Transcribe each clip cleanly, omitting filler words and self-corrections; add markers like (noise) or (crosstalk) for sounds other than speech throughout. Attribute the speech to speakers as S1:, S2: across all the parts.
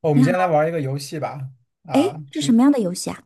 S1: 哦我们
S2: 你好，
S1: 今天来玩一个游戏吧，
S2: 哎，
S1: 啊，
S2: 是
S1: 这
S2: 什么样的游戏啊？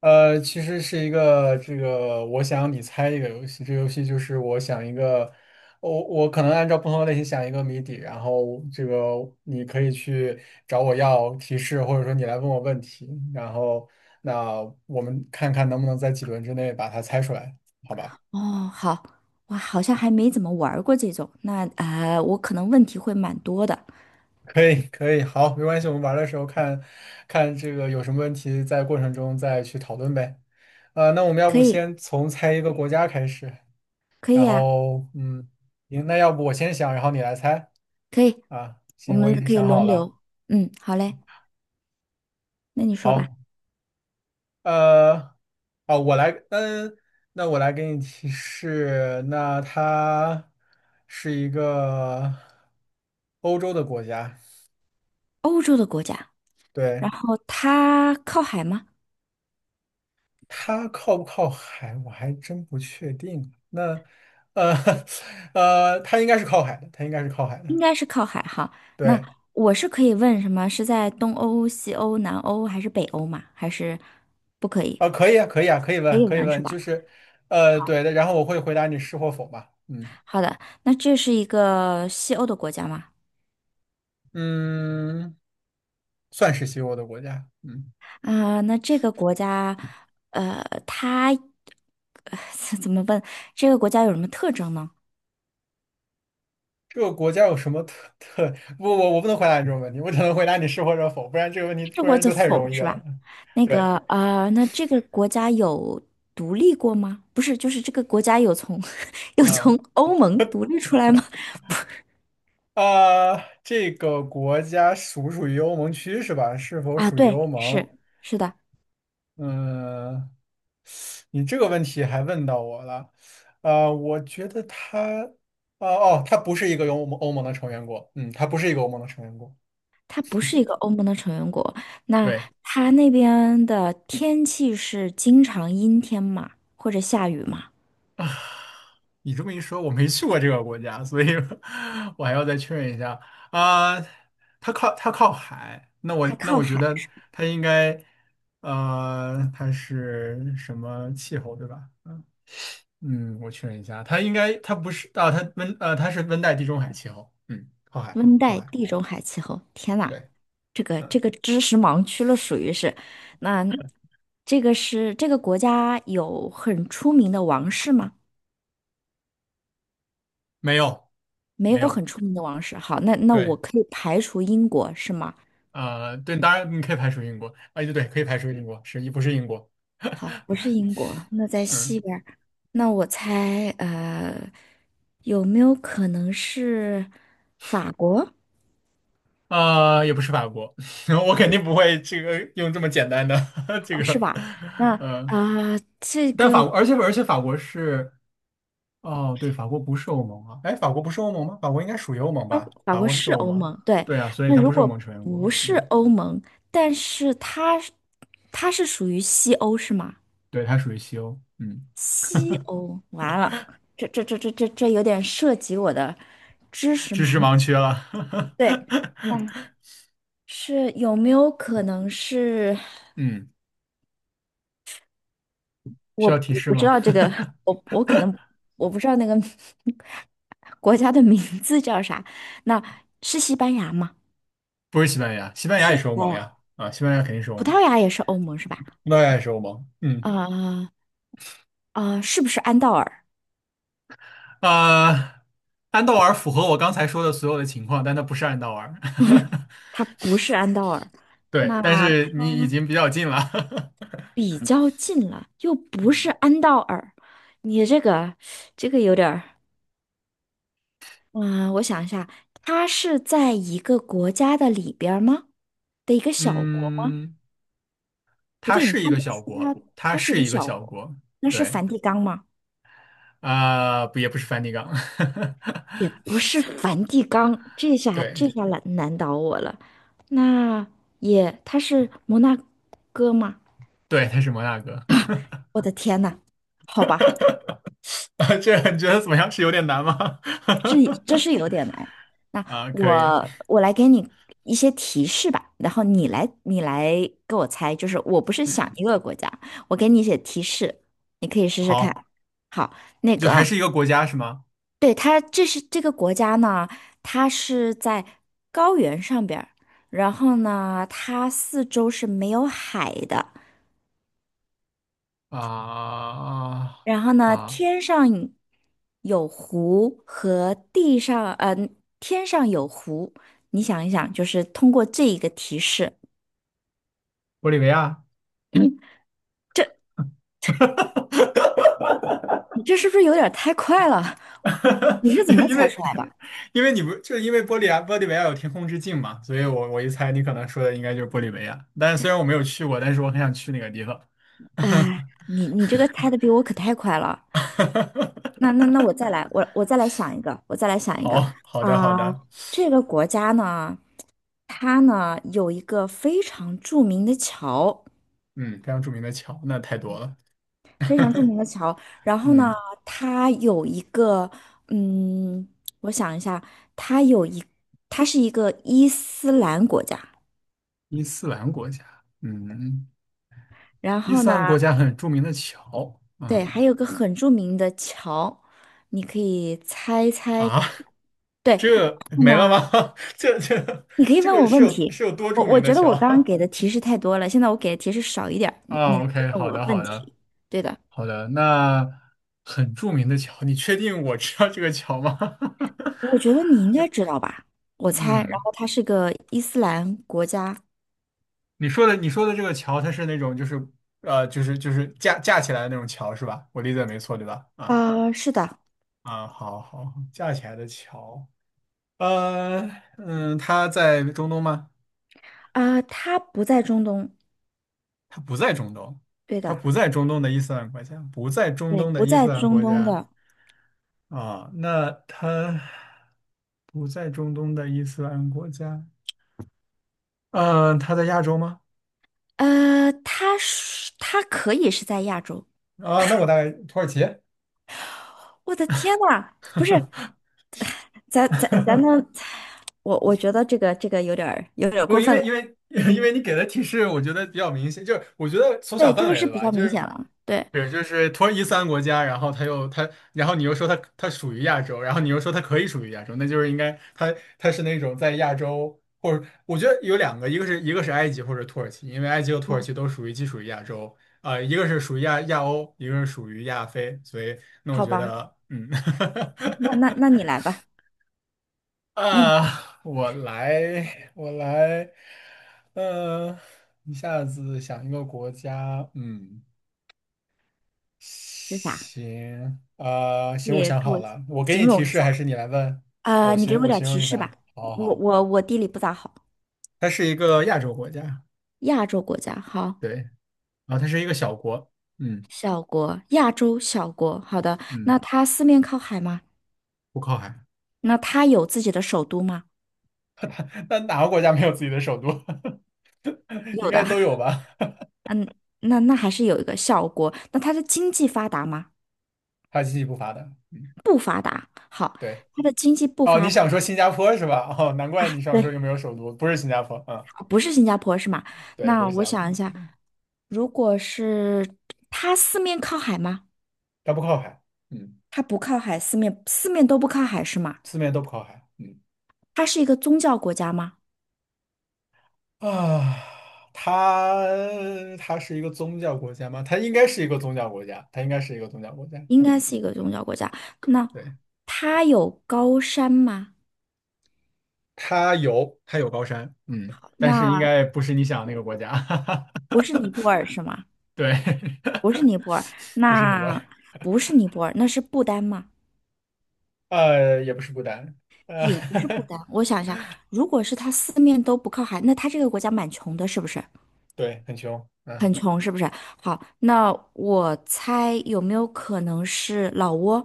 S1: 其实是一个这个我想你猜一个游戏，这个游戏就是我想一个，我可能按照不同的类型想一个谜底，然后这个你可以去找我要提示，或者说你来问我问题，然后那我们看看能不能在几轮之内把它猜出来，好吧？
S2: 哦，好，我好像还没怎么玩儿过这种，我可能问题会蛮多的。
S1: 可以，可以，好，没关系，我们玩的时候看看这个有什么问题，在过程中再去讨论呗。那我们要
S2: 可
S1: 不
S2: 以，
S1: 先从猜一个国家开始，
S2: 可以
S1: 然
S2: 呀、
S1: 后嗯，行，那要不我先想，然后你来猜
S2: 可以，
S1: 啊？
S2: 我
S1: 行，我已
S2: 们
S1: 经
S2: 可以
S1: 想好
S2: 轮
S1: 了。
S2: 流。嗯，好嘞，那你说吧。
S1: 好，呃，哦，我来，嗯，那我来给你提示，那它是一个欧洲的国家，
S2: 欧洲的国家，然
S1: 对，
S2: 后它靠海吗？
S1: 它靠不靠海，我还真不确定啊。那，呃，(laughs) 它应该是靠海的，它应该是靠海的。
S2: 应该是靠海哈。那
S1: 对，
S2: 我是可以问什么？是在东欧、西欧、南欧还是北欧吗？还是不可以？
S1: 啊，可以啊，可以啊，可以
S2: 可
S1: 问，
S2: 以
S1: 可以
S2: 问是
S1: 问，
S2: 吧？好，
S1: 对的。然后我会回答你是或否吧。嗯
S2: 好的，那这是一个西欧的国家吗？
S1: 嗯，算是西欧的国家。嗯，
S2: 啊，那这个国家，它呃 (laughs) 怎么问？这个国家有什么特征呢？
S1: 这个国家有什么特特？不，我不能回答你这种问题，我只能回答你是或者否，不然这个问题
S2: 这
S1: 不
S2: 或
S1: 然
S2: 者
S1: 就太
S2: 否
S1: 容易
S2: 是
S1: 了。
S2: 吧？
S1: 对，
S2: 那这个国家有独立过吗？不是，就是这个国家有从 (laughs) 有
S1: 嗯。
S2: 从欧盟独立出来吗？
S1: 啊、这个国家属不属于欧盟区是吧？是否
S2: 啊，
S1: 属于
S2: 对，
S1: 欧盟？
S2: 是的，
S1: 嗯，你这个问题还问到我了，我觉得他，哦，他不是一个有欧盟欧盟的成员国，嗯，他不是一个欧盟的成员国。
S2: 它不是一个欧盟的成员国。那
S1: 对，
S2: 它那边的天气是经常阴天嘛，或者下雨嘛？
S1: 你这么一说，我没去过这个国家，所以 (laughs) 我还要再确认一下啊、它靠海，那我
S2: 它
S1: 那
S2: 靠
S1: 我觉
S2: 海，
S1: 得
S2: 是吧
S1: 它应该，它是什么气候，对吧？嗯，我确认一下，它应该它不是啊，它是温带地中海气候，嗯，靠海
S2: 温
S1: 靠
S2: 带
S1: 海。
S2: 地中海气候。天呐！
S1: 对。
S2: 这个这
S1: 嗯，
S2: 个知识盲区了，属于是。那这个是这个国家有很出名的王室吗？
S1: 没有，
S2: 没
S1: 没
S2: 有
S1: 有，
S2: 很出名的王室。好，那那
S1: 对，
S2: 我可以排除英国是吗？
S1: 对，当然你可以排除英国，对，对，可以排除英国，是，不是英国，
S2: 好，不是英国，那在
S1: (laughs) 嗯，
S2: 西边儿。那我猜，呃，有没有可能是法国？
S1: 也不是法国，(laughs) 我肯定不会这个用这么简单的 (laughs) 这个，
S2: 那
S1: 呃，
S2: 啊、这
S1: 但法
S2: 个。
S1: 国，而且法国是，哦，对，法国不是欧盟啊，哎，法国不是欧盟吗？法国应该属于欧盟
S2: 法
S1: 吧？
S2: 法
S1: 法
S2: 国
S1: 国是
S2: 是
S1: 欧
S2: 欧
S1: 盟，
S2: 盟，对。
S1: 对啊，所以
S2: 那
S1: 它
S2: 如
S1: 不是欧盟
S2: 果
S1: 成员国，
S2: 不是
S1: 嗯，
S2: 欧盟，但是它是它是属于西欧是吗？
S1: 对，它属于西欧，嗯，
S2: 西欧，完了，这这这这这这有点涉及我的知识
S1: 知识
S2: 盲区。
S1: 盲区了，
S2: 对，嗯，是有没有可能是
S1: (laughs) 嗯，需
S2: 我
S1: 要提
S2: 不
S1: 示
S2: 不知
S1: 吗？
S2: 道这个，
S1: (laughs)
S2: 我我可能我不知道那个 (laughs) 国家的名字叫啥？那是西班牙吗？
S1: 不是西班牙，西
S2: 不
S1: 班牙
S2: 是
S1: 也
S2: 西
S1: 是欧
S2: 班
S1: 盟
S2: 牙，
S1: 呀，啊，西班牙肯定是欧
S2: 葡
S1: 盟，
S2: 萄牙也是欧盟是吧？
S1: 那也是欧盟，嗯，
S2: 啊、啊，是不是安道尔？
S1: 呃，安道尔符合我刚才说的所有的情况，但它不是安道尔，
S2: 它不是安道尔，
S1: (laughs) 对，
S2: 那
S1: 但是你已经比较近了，
S2: 比较近了，又不是
S1: (laughs)
S2: 安道尔。你这个，这个有点儿，嗯、我想一下，它是在一个国家的里边儿吗？的一个小国？
S1: 嗯，
S2: 不
S1: 它
S2: 对，你
S1: 是一
S2: 刚
S1: 个
S2: 才
S1: 小
S2: 说
S1: 国，
S2: 它，
S1: 它
S2: 它是一
S1: 是
S2: 个
S1: 一个
S2: 小
S1: 小
S2: 国，
S1: 国，
S2: 那是
S1: 对，
S2: 梵蒂冈吗？
S1: 不也不是梵蒂冈，
S2: 也
S1: (laughs)
S2: 不是梵蒂冈，这下
S1: 对，
S2: 这下难难倒我了。那也，它是摩纳哥吗？
S1: 对，它是摩纳哥，
S2: 我的天呐，好吧。
S1: (laughs) 啊这你觉得怎么样？是有点难吗？
S2: 是，
S1: (laughs)
S2: 这是有点难。那
S1: 啊，可以，
S2: 我我来给你一些提示吧，然后你来你来给我猜，就是我不是想
S1: 嗯，
S2: 一个国家，我给你一些提示，你可以试试看。
S1: 好。
S2: 好，那
S1: 就还
S2: 个，
S1: 是一个国家是吗？
S2: 对，它这是这个国家呢，它是在高原上边儿然后呢，它四周是没有海的，
S1: 啊
S2: 然后呢，
S1: 啊，
S2: 天上有湖和地上，天上有湖，你想一想，就是通过这一个提示
S1: 玻利维亚，
S2: (clears throat)，嗯这你这是不是有点儿太快了？
S1: (laughs)
S2: 你是怎
S1: 因为
S2: 么
S1: 因
S2: 猜
S1: 为
S2: 出来的？
S1: 因为你不就因为玻利维亚有天空之镜嘛，所以我一猜你可能说的应该就是玻利维亚。但是虽然我没有去过，但是我很想去那个地方。
S2: 哎，你你这个猜的比我可太快了。那那那我
S1: (laughs)
S2: 再来，我我再来想一个，我再来想一个
S1: 好
S2: 啊、
S1: 的，
S2: 这个国家呢，它呢有一个非常著名的桥。
S1: 嗯，非常著名的桥，那太多了。
S2: 非常著名的桥。然后呢，
S1: 嗯，
S2: 它有一个，嗯，我想一下，它有一，它是一个伊斯兰国家。
S1: 伊斯兰国家，嗯，
S2: 然
S1: 伊
S2: 后
S1: 斯
S2: 呢，
S1: 兰国家很著名的桥，
S2: 对，
S1: 嗯
S2: 还有个很著名的桥，你可以猜猜。
S1: 啊，(laughs)
S2: 对，然
S1: 这 (laughs)
S2: 后
S1: 没了
S2: 呢，
S1: 吗？(laughs) 这这
S2: 你可以
S1: 这
S2: 问
S1: 个
S2: 我
S1: 是
S2: 问
S1: 有
S2: 题。
S1: 是有多
S2: 我
S1: 著
S2: 我
S1: 名的
S2: 觉得我
S1: 桥？
S2: 刚刚给的
S1: (laughs)
S2: 提示太多了，现在我给的提示少一点儿，你你
S1: 啊
S2: 来
S1: ，OK，
S2: 问
S1: 好
S2: 我
S1: 的，好
S2: 问
S1: 的，
S2: 题。对的，
S1: 好的，那很著名的桥，你确定我知道这个桥吗？
S2: 我觉得你应该知道吧，我
S1: (laughs)
S2: 猜。然
S1: 嗯，
S2: 后它是个伊斯兰国家。
S1: 你说的这个桥，它是那种就是架起来的那种桥是吧？我理解没错对吧？啊
S2: 啊、是的。
S1: 啊，好好，架起来的桥，呃嗯，它在中东吗？
S2: 啊，他不在中东，
S1: 它不在中东，
S2: 对
S1: 它
S2: 的，
S1: 不在中东的伊斯兰国家，不在中
S2: 对，
S1: 东的
S2: 不
S1: 伊
S2: 在
S1: 斯兰
S2: 中
S1: 国
S2: 东
S1: 家。
S2: 的，
S1: 啊，那他不在中东的伊斯兰国家，嗯，他在亚洲吗？
S2: 他是他可以是在亚洲。
S1: 啊，那我在土耳其。
S2: 我的天呐，不是，咱咱咱的，
S1: (laughs)
S2: 我我觉得这个这个有点儿有点儿
S1: 不，
S2: 过
S1: 因
S2: 分了。
S1: 为因为 (laughs) 因为你给的提示，我觉得比较明显，就是我觉得缩
S2: 对，
S1: 小
S2: 这
S1: 范
S2: 个
S1: 围
S2: 是
S1: 了
S2: 比
S1: 吧，
S2: 较
S1: 就
S2: 明显
S1: 是
S2: 了。对，
S1: 是就是土耳其三斯兰国家，然后他又他，然后你又说他他属于亚洲，然后你又说他可以属于亚洲，那就是应该他他是那种在亚洲，或者我觉得有两个，一个是埃及或者土耳其，因为埃及和土耳其都属于既属于亚洲，一个是属于亚欧，一个是属于亚非，所以那我
S2: 好
S1: 觉
S2: 吧，
S1: 得嗯。
S2: 那那那
S1: (laughs)
S2: 你来吧，那你
S1: 啊，我来，我来，呃，一下子想一个国家，嗯，
S2: 是啥？
S1: 行，行，我
S2: 你
S1: 想
S2: 给
S1: 好
S2: 我
S1: 了，我给
S2: 形
S1: 你提
S2: 容一
S1: 示，
S2: 下。
S1: 还是你来问？哦，
S2: 啊，你给我
S1: 我
S2: 点儿
S1: 形
S2: 提
S1: 容一
S2: 示吧。
S1: 下，好好
S2: 我
S1: 好，
S2: 我我地理不咋好，
S1: 它是一个亚洲国家，
S2: 亚洲国家，好，
S1: 对，然后它是一个小国，嗯
S2: 小国，亚洲小国。好的，
S1: 嗯，
S2: 那它四面靠海吗？
S1: 不靠海，
S2: 那它有自己的首都吗？
S1: (laughs) 那哪个国家没有自己的首都？(laughs) 应
S2: 有的，
S1: 该都有
S2: (laughs)
S1: 吧？
S2: 那那还是有一个小国。那它的经济发达吗？
S1: (laughs) 它经济不发达，嗯，
S2: 不发，好，
S1: 对，
S2: 它的经济不
S1: 哦，
S2: 发
S1: 你
S2: 达，
S1: 想说新加坡是吧？哦，难怪你想说
S2: 对，
S1: 又没有首都，不是新加坡，嗯。
S2: 不是新加坡是吗？
S1: 对，不
S2: 那
S1: 是
S2: 我
S1: 峡谷，
S2: 想一下，如果是它四面靠海吗？
S1: 它不靠海，嗯，
S2: 它不靠海，四面都不靠海是吗？
S1: 四面都不靠海，嗯，
S2: 它是一个宗教国家吗？
S1: 啊，它是一个宗教国家吗？它应该是一个宗教国家，它应该是一个宗教国家，
S2: 应该
S1: 嗯，
S2: 是一个宗教国家。那
S1: 对，
S2: 它有高山吗？
S1: 它有高山，嗯，但是应
S2: 那
S1: 该不是你想的那个国家，
S2: 不是尼泊
S1: (laughs)
S2: 尔是吗？
S1: 对，
S2: 不是尼泊尔，
S1: (laughs) 不是你们，
S2: 那不是尼泊尔，那是不丹吗？
S1: 也不是不丹，
S2: 也不是不
S1: 呃，
S2: 丹。我想一下，如果是它四面都不靠海，那它这个国家蛮穷的，是不是？
S1: (laughs) 对，很穷，
S2: 很
S1: 嗯，
S2: 穷，是不是？好，那我猜有没有可能是老挝？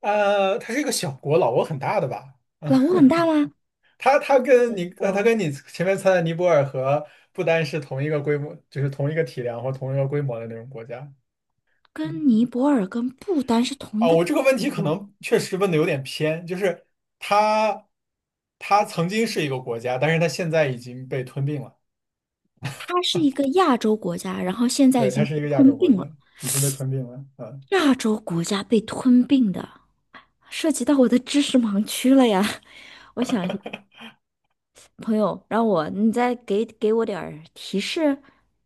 S1: 它是一个小国，老挝很大的吧？
S2: 老挝
S1: (laughs)
S2: 很大吗？
S1: 它它跟你它
S2: 我
S1: 跟你前面猜的尼泊尔和不丹是同一个规模，就是同一个体量或同一个规模的那种国家。嗯，
S2: 跟尼泊尔跟不丹是同一
S1: 啊，
S2: 个
S1: 我这个问题可
S2: 国家，
S1: 能确实问的有点偏，就是它它曾经是一个国家，但是它现在已经被吞并了。
S2: 它是一个亚洲国家，然后现在
S1: 对，
S2: 已
S1: 它
S2: 经被
S1: 是一个亚洲
S2: 吞
S1: 国
S2: 并了。
S1: 家，已经被吞并了。嗯
S2: 亚洲国家被吞并的，涉及到我的知识盲区了呀。(laughs) 我想。朋友，让我你再给给我点儿提示。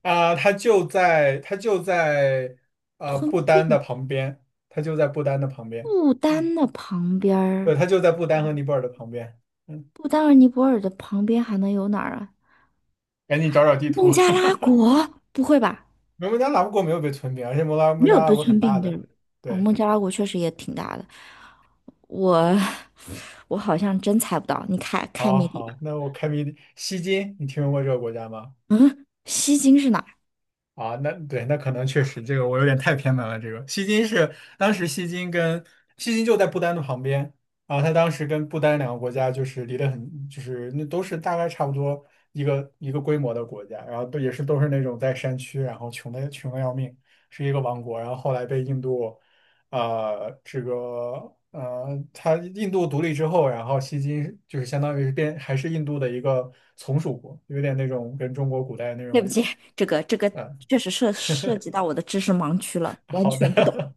S1: 啊，它就在
S2: 吞
S1: 不丹的
S2: 并
S1: 旁边，它就在不丹的旁边。
S2: 不
S1: 嗯，
S2: 丹的旁边
S1: 对，
S2: 儿，
S1: 它就在不丹和尼泊尔的旁边。嗯，
S2: 不丹和尼泊尔的旁边还能有哪儿啊？
S1: 赶紧找找地图。
S2: 孟加拉
S1: (laughs)
S2: 国？不会吧？
S1: 摩门加拉国没有被吞并，而且摩拉摩
S2: 没有
S1: 加拉
S2: 被
S1: 国很
S2: 吞
S1: 大
S2: 并地
S1: 的。
S2: 儿。哦，
S1: 对，
S2: 孟加拉国确实也挺大的。我 (laughs) 我好像真猜不到，你开开
S1: 好，
S2: 谜底吧。
S1: 好，那我开明西金，你听说过这个国家吗？
S2: 西京是哪儿？
S1: 啊，那对，那可能确实这个我有点太偏门了。这个西金是当时西金跟西金就在不丹的旁边啊，他当时跟不丹两个国家就是离得很，就是那都是大概差不多一个规模的国家，然后都是那种在山区，然后穷的要命，是一个王国，然后后来被印度，呃，这个他印度独立之后，然后西金就是相当于是变还是印度的一个从属国，有点那种跟中国古代那
S2: (laughs) 对不
S1: 种。
S2: 起，这个这个
S1: 呃
S2: 确实涉涉及到我的知识盲区了，完
S1: 好
S2: 全不懂。
S1: 的，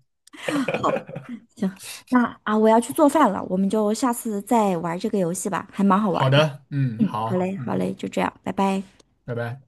S2: 好，
S1: (laughs)
S2: 行，那啊，我要去做饭了，我们就下次再玩这个游戏吧，还蛮好玩
S1: 好
S2: 的。
S1: 的，嗯，
S2: 嗯，好
S1: 好，
S2: 嘞，好
S1: 嗯，
S2: 嘞，就这样，拜拜。
S1: 拜拜。